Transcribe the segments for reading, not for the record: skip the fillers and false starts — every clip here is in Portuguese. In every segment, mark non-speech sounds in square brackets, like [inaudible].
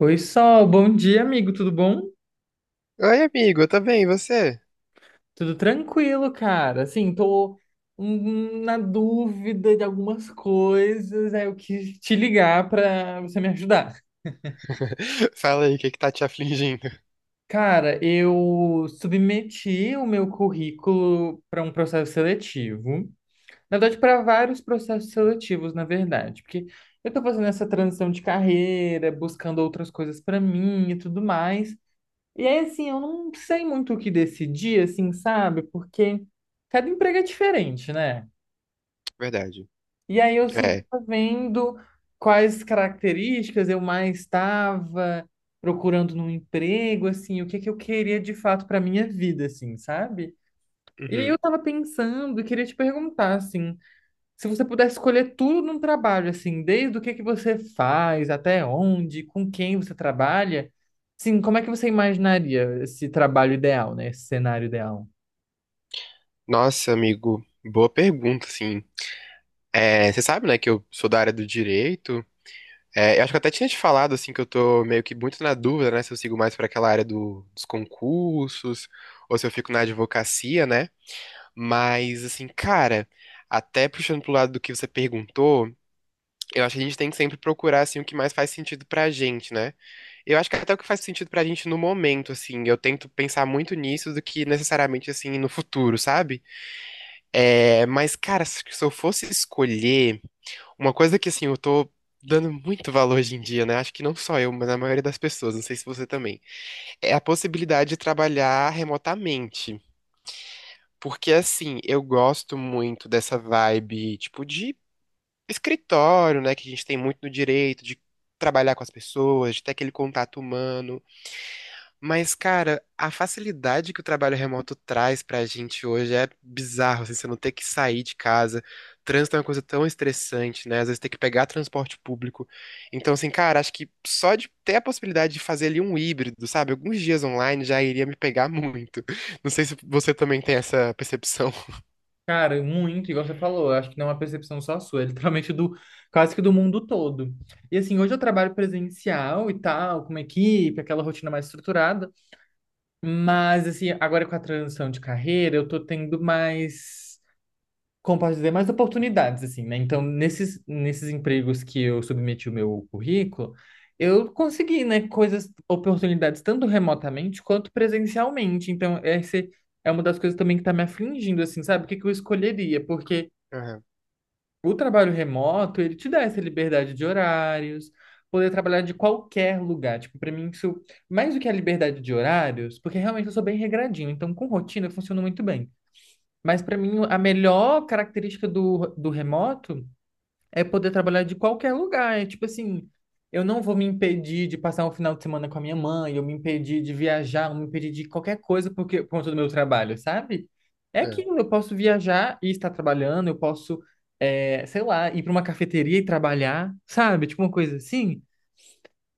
Oi, Sol, bom dia, amigo, tudo bom? Oi, amigo, tá bem, e você? Tudo tranquilo, cara. Assim, tô na dúvida de algumas coisas, aí eu quis te ligar pra você me ajudar. [laughs] Fala aí, o que que tá te afligindo? Cara, eu submeti o meu currículo para um processo seletivo. Na verdade, para vários processos seletivos, na verdade, porque eu tô fazendo essa transição de carreira, buscando outras coisas para mim e tudo mais. E aí, assim, eu não sei muito o que decidir, assim, sabe? Porque cada emprego é diferente, né? Verdade. E aí eu senti É. vendo quais características eu mais estava procurando num emprego, assim, o que que eu queria de fato para minha vida, assim, sabe? E aí eu Uhum. tava pensando e queria te perguntar, assim, se você pudesse escolher tudo num trabalho, assim, desde o que que você faz, até onde, com quem você trabalha, sim, como é que você imaginaria esse trabalho ideal, né? Esse cenário ideal? Nossa, amigo, boa pergunta, sim. É, você sabe, né, que eu sou da área do direito. É, eu acho que eu até tinha te falado, assim, que eu tô meio que muito na dúvida, né, se eu sigo mais pra aquela área dos concursos ou se eu fico na advocacia, né? Mas, assim, cara, até puxando pro lado do que você perguntou. Eu acho que a gente tem que sempre procurar, assim, o que mais faz sentido pra gente, né? Eu acho que até o que faz sentido pra gente no momento, assim, eu tento pensar muito nisso do que necessariamente, assim, no futuro, sabe? É, mas, cara, se eu fosse escolher uma coisa que, assim, eu tô dando muito valor hoje em dia, né? Acho que não só eu, mas a maioria das pessoas, não sei se você também, é a possibilidade de trabalhar remotamente. Porque, assim, eu gosto muito dessa vibe, tipo, de escritório, né, que a gente tem muito no direito de trabalhar com as pessoas, de ter aquele contato humano. Mas, cara, a facilidade que o trabalho remoto traz pra gente hoje é bizarro, assim, você não ter que sair de casa. Trânsito é uma coisa tão estressante, né? Às vezes tem que pegar transporte público. Então, assim, cara, acho que só de ter a possibilidade de fazer ali um híbrido, sabe? Alguns dias online já iria me pegar muito. [laughs] Não sei se você também tem essa percepção. Cara, muito, igual você falou, eu acho que não é uma percepção só sua, é literalmente do, quase que do mundo todo. E assim, hoje eu trabalho presencial e tal, com uma equipe, aquela rotina mais estruturada, mas assim, agora com a transição de carreira, eu tô tendo mais compartilhar mais oportunidades, assim, né? Então, nesses empregos que eu submeti o meu currículo, eu consegui, né, coisas, oportunidades tanto remotamente quanto presencialmente. Então, essa é uma das coisas também que tá me afligindo, assim, sabe? O que que eu escolheria? Porque Aham, o trabalho remoto, ele te dá essa liberdade de horários, poder trabalhar de qualquer lugar. Tipo, pra mim isso, mais do que a liberdade de horários, porque realmente eu sou bem regradinho, então com rotina funciona muito bem. Mas para mim, a melhor característica do remoto é poder trabalhar de qualquer lugar. É tipo assim, eu não vou me impedir de passar um final de semana com a minha mãe, eu me impedir de viajar, eu me impedir de qualquer coisa porque, por conta do meu trabalho, sabe? É aquilo, eu posso viajar e estar trabalhando, eu posso, é, sei lá, ir para uma cafeteria e trabalhar, sabe? Tipo uma coisa assim.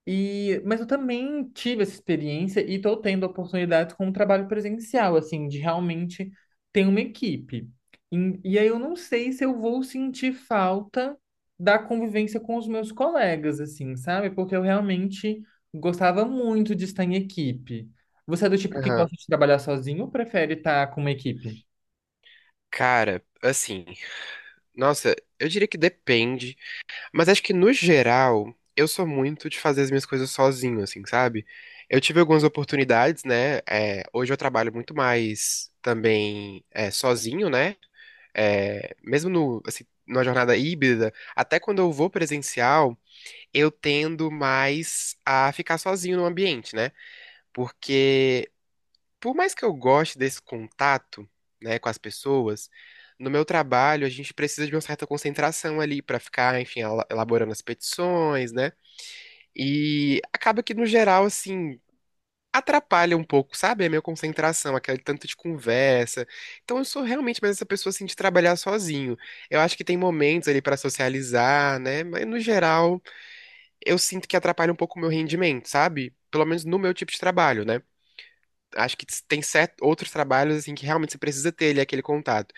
E, mas eu também tive essa experiência e estou tendo oportunidades com o trabalho presencial, assim, de realmente ter uma equipe. E, aí eu não sei se eu vou sentir falta da convivência com os meus colegas, assim, sabe? Porque eu realmente gostava muito de estar em equipe. Você é do é, tipo que aham. gosta de trabalhar sozinho ou prefere estar com uma equipe? Cara, assim. Nossa, eu diria que depende, mas acho que no geral eu sou muito de fazer as minhas coisas sozinho, assim, sabe? Eu tive algumas oportunidades, né? É, hoje eu trabalho muito mais também é, sozinho, né? É, mesmo no, assim, numa jornada híbrida, até quando eu vou presencial, eu tendo mais a ficar sozinho no ambiente, né? Porque por mais que eu goste desse contato, né, com as pessoas, no meu trabalho a gente precisa de uma certa concentração ali pra ficar, enfim, elaborando as petições, né? E acaba que no geral assim atrapalha um pouco, sabe? A minha concentração, aquele tanto de conversa. Então eu sou realmente mais essa pessoa assim de trabalhar sozinho. Eu acho que tem momentos ali pra socializar, né? Mas no geral eu sinto que atrapalha um pouco o meu rendimento, sabe? Pelo menos no meu tipo de trabalho, né? Acho que tem certos outros trabalhos assim que realmente você precisa ter ali aquele contato.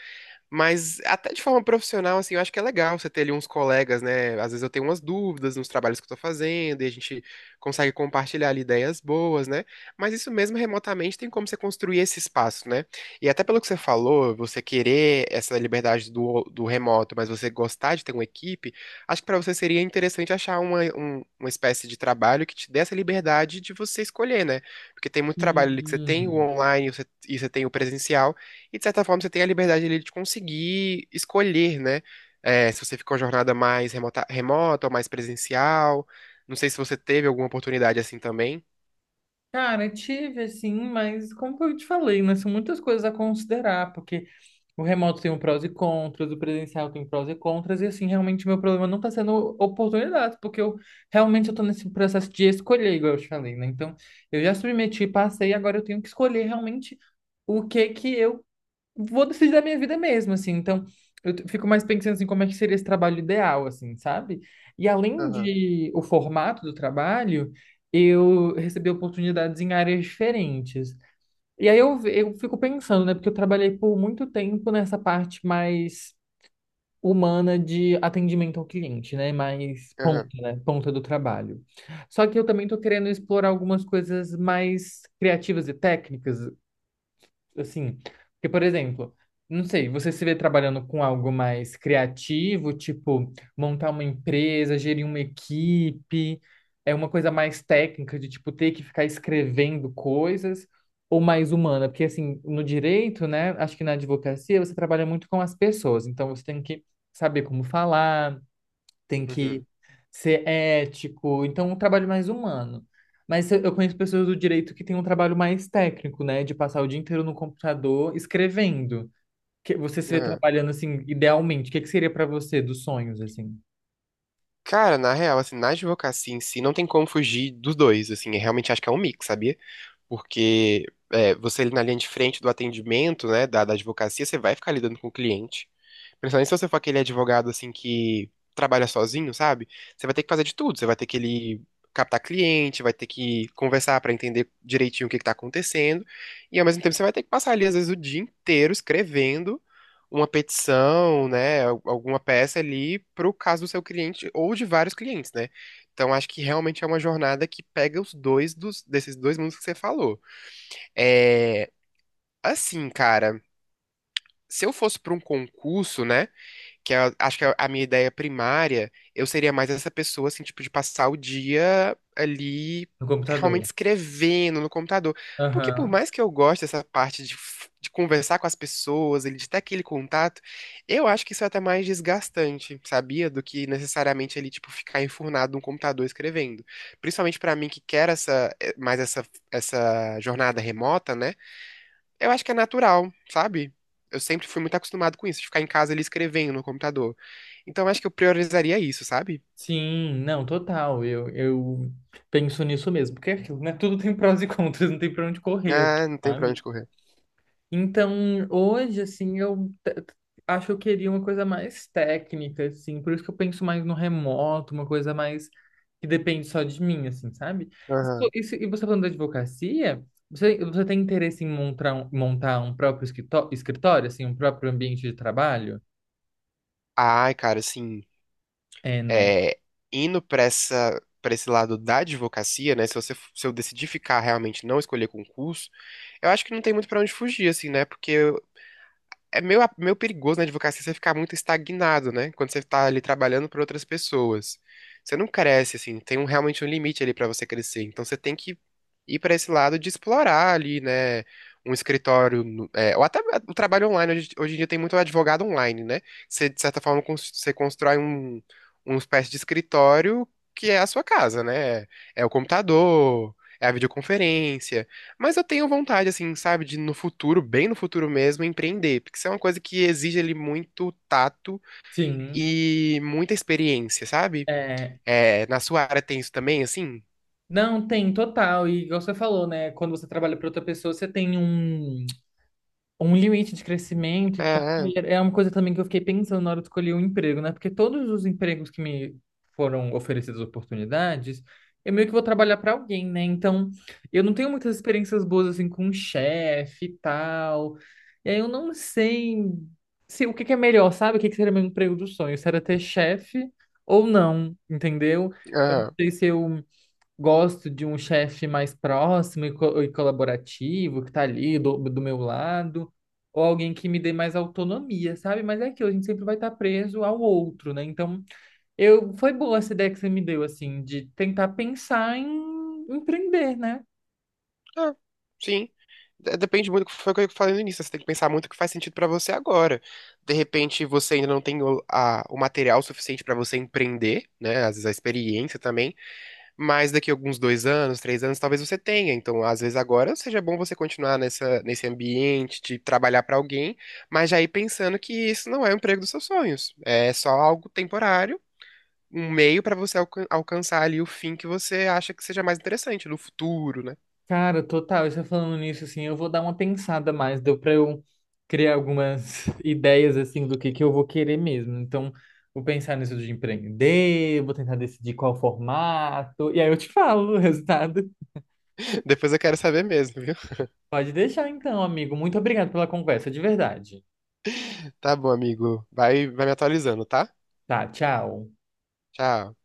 Mas até de forma profissional, assim, eu acho que é legal você ter ali uns colegas, né? Às vezes eu tenho umas dúvidas nos trabalhos que eu tô fazendo e a gente consegue compartilhar ali ideias boas, né? Mas isso mesmo remotamente tem como você construir esse espaço, né? E até pelo que você falou, você querer essa liberdade do remoto, mas você gostar de ter uma equipe, acho que pra você seria interessante achar uma, uma espécie de trabalho que te dê essa liberdade de você escolher, né? Porque tem muito trabalho ali que você tem o Hum. online e você tem o presencial. E de certa forma você tem a liberdade ali de conseguir escolher, né? É, se você ficou uma jornada mais remota, ou mais presencial. Não sei se você teve alguma oportunidade assim também. Cara, tive assim, mas como eu te falei, né, são muitas coisas a considerar, porque o remoto tem um prós e contras, o presencial tem prós e contras, e assim, realmente meu problema não está sendo oportunidade, porque eu realmente eu tô nesse processo de escolher, igual eu te falei, né? Então, eu já submeti, passei, agora eu tenho que escolher realmente o que que eu vou decidir da minha vida mesmo, assim. Então, fico mais pensando assim, como é que seria esse trabalho ideal, assim, sabe? E além Aham, de o formato do trabalho, eu recebi oportunidades em áreas diferentes. E aí eu fico pensando, né? Porque eu trabalhei por muito tempo nessa parte mais humana de atendimento ao cliente, né? Mais ponta, aham, né? Ponta do trabalho. Só que eu também estou querendo explorar algumas coisas mais criativas e técnicas, assim, porque, por exemplo, não sei, você se vê trabalhando com algo mais criativo, tipo montar uma empresa, gerir uma equipe, é uma coisa mais técnica de tipo ter que ficar escrevendo coisas, ou mais humana, porque assim, no direito, né, acho que na advocacia você trabalha muito com as pessoas, então você tem que saber como falar tem que uhum, ser ético, então um trabalho mais humano. Mas eu conheço pessoas do direito que têm um trabalho mais técnico, né, de passar o dia inteiro no computador escrevendo. Que você se vê aham. trabalhando assim, idealmente, o que que seria para você dos sonhos assim, Cara, na real, assim, na advocacia em si, não tem como fugir dos dois, assim, eu realmente acho que é um mix, sabia? Porque é, você ali na linha de frente do atendimento, né, da advocacia, você vai ficar lidando com o cliente. Principalmente se você for aquele advogado, assim, que trabalha sozinho, sabe? Você vai ter que fazer de tudo, você vai ter que ele captar cliente, vai ter que conversar para entender direitinho o que que tá acontecendo, e ao mesmo tempo você vai ter que passar ali, às vezes, o dia inteiro escrevendo uma petição, né, alguma peça ali pro caso do seu cliente ou de vários clientes, né? Então acho que realmente é uma jornada que pega os dois desses dois mundos que você falou. É, assim, cara, se eu fosse para um concurso, né, acho que é a minha ideia primária, eu seria mais essa pessoa, assim, tipo, de passar o dia ali no realmente computador? escrevendo no computador. Porque por Aham. mais que eu goste dessa parte de, de conversar com as pessoas, ele de ter aquele contato, eu acho que isso é até mais desgastante, sabia? Do que necessariamente ele tipo, ficar enfurnado num computador escrevendo. Principalmente para mim que quer essa, mais essa jornada remota, né? Eu acho que é natural, sabe? Eu sempre fui muito acostumado com isso, de ficar em casa ali escrevendo no computador. Então eu acho que eu priorizaria isso, sabe? Sim, não, total. Eu penso nisso mesmo, porque é aquilo, né? Tudo tem prós e [laughs] contras, não tem pra onde correr, Ah, não tem pra sabe? onde correr. Então, hoje, assim, acho que eu queria uma coisa mais técnica, assim, por isso que eu penso mais no remoto, uma coisa mais que depende só de mim, assim, sabe? Isso, Aham. E você falando da advocacia, você tem interesse em montar um próprio escritório, assim, um próprio ambiente de trabalho? Ai, cara, assim, É, né? é, indo pra esse lado da advocacia, né? Se eu decidir ficar realmente não escolher concurso, eu acho que não tem muito pra onde fugir, assim, né? Porque é meio perigoso na advocacia você ficar muito estagnado, né? Quando você tá ali trabalhando para outras pessoas. Você não cresce, assim, tem um, realmente um limite ali para você crescer. Então você tem que ir para esse lado de explorar ali, né? Um escritório, é, ou até o trabalho online. Hoje em dia tem muito advogado online, né? Você, de certa forma, você constrói uma espécie de escritório que é a sua casa, né? É o computador, é a videoconferência. Mas eu tenho vontade, assim, sabe, de no futuro, bem no futuro mesmo, empreender, porque isso é uma coisa que exige ali muito tato Sim. e muita experiência, sabe? É, É, na sua área tem isso também, assim? não, tem total. E igual você falou, né? Quando você trabalha para outra pessoa, você tem um. Um limite de crescimento e tal. Ah, E é uma coisa também que eu fiquei pensando na hora de escolher um emprego, né? Porque todos os empregos que me foram oferecidas oportunidades, eu meio que vou trabalhar para alguém, né? Então, eu não tenho muitas experiências boas assim com um chefe e tal. E aí eu não sei se o que que é melhor, sabe? O que que seria meu emprego do sonho? Se era ter chefe ou não, entendeu? Eu não ah, sei se eu gosto de um chefe mais próximo e, e colaborativo, que tá ali do meu lado, ou alguém que me dê mais autonomia, sabe? Mas é aquilo, a gente sempre vai estar preso ao outro, né? Então, eu foi boa essa ideia que você me deu, assim, de tentar pensar em empreender, né? ah, sim. Depende muito do que foi o que eu falei no início. Você tem que pensar muito o que faz sentido pra você agora. De repente, você ainda não tem o, o material suficiente pra você empreender, né? Às vezes a experiência também. Mas daqui a alguns 2 anos, 3 anos, talvez você tenha. Então, às vezes agora seja bom você continuar nessa, nesse ambiente de trabalhar para alguém, mas já ir pensando que isso não é o emprego dos seus sonhos. É só algo temporário, um meio para você alcançar ali o fim que você acha que seja mais interessante no futuro, né? Cara, total, e você falando nisso, assim, eu vou dar uma pensada mais, deu pra eu criar algumas [laughs] ideias, assim, do que eu vou querer mesmo. Então, vou pensar nisso de empreender, vou tentar decidir qual formato, e aí eu te [laughs] falo o resultado. [laughs] Depois eu quero saber mesmo, viu? Pode deixar então, amigo. Muito obrigado pela conversa, de verdade. Tá bom, amigo. Vai me atualizando, tá? Tá, tchau. Tchau.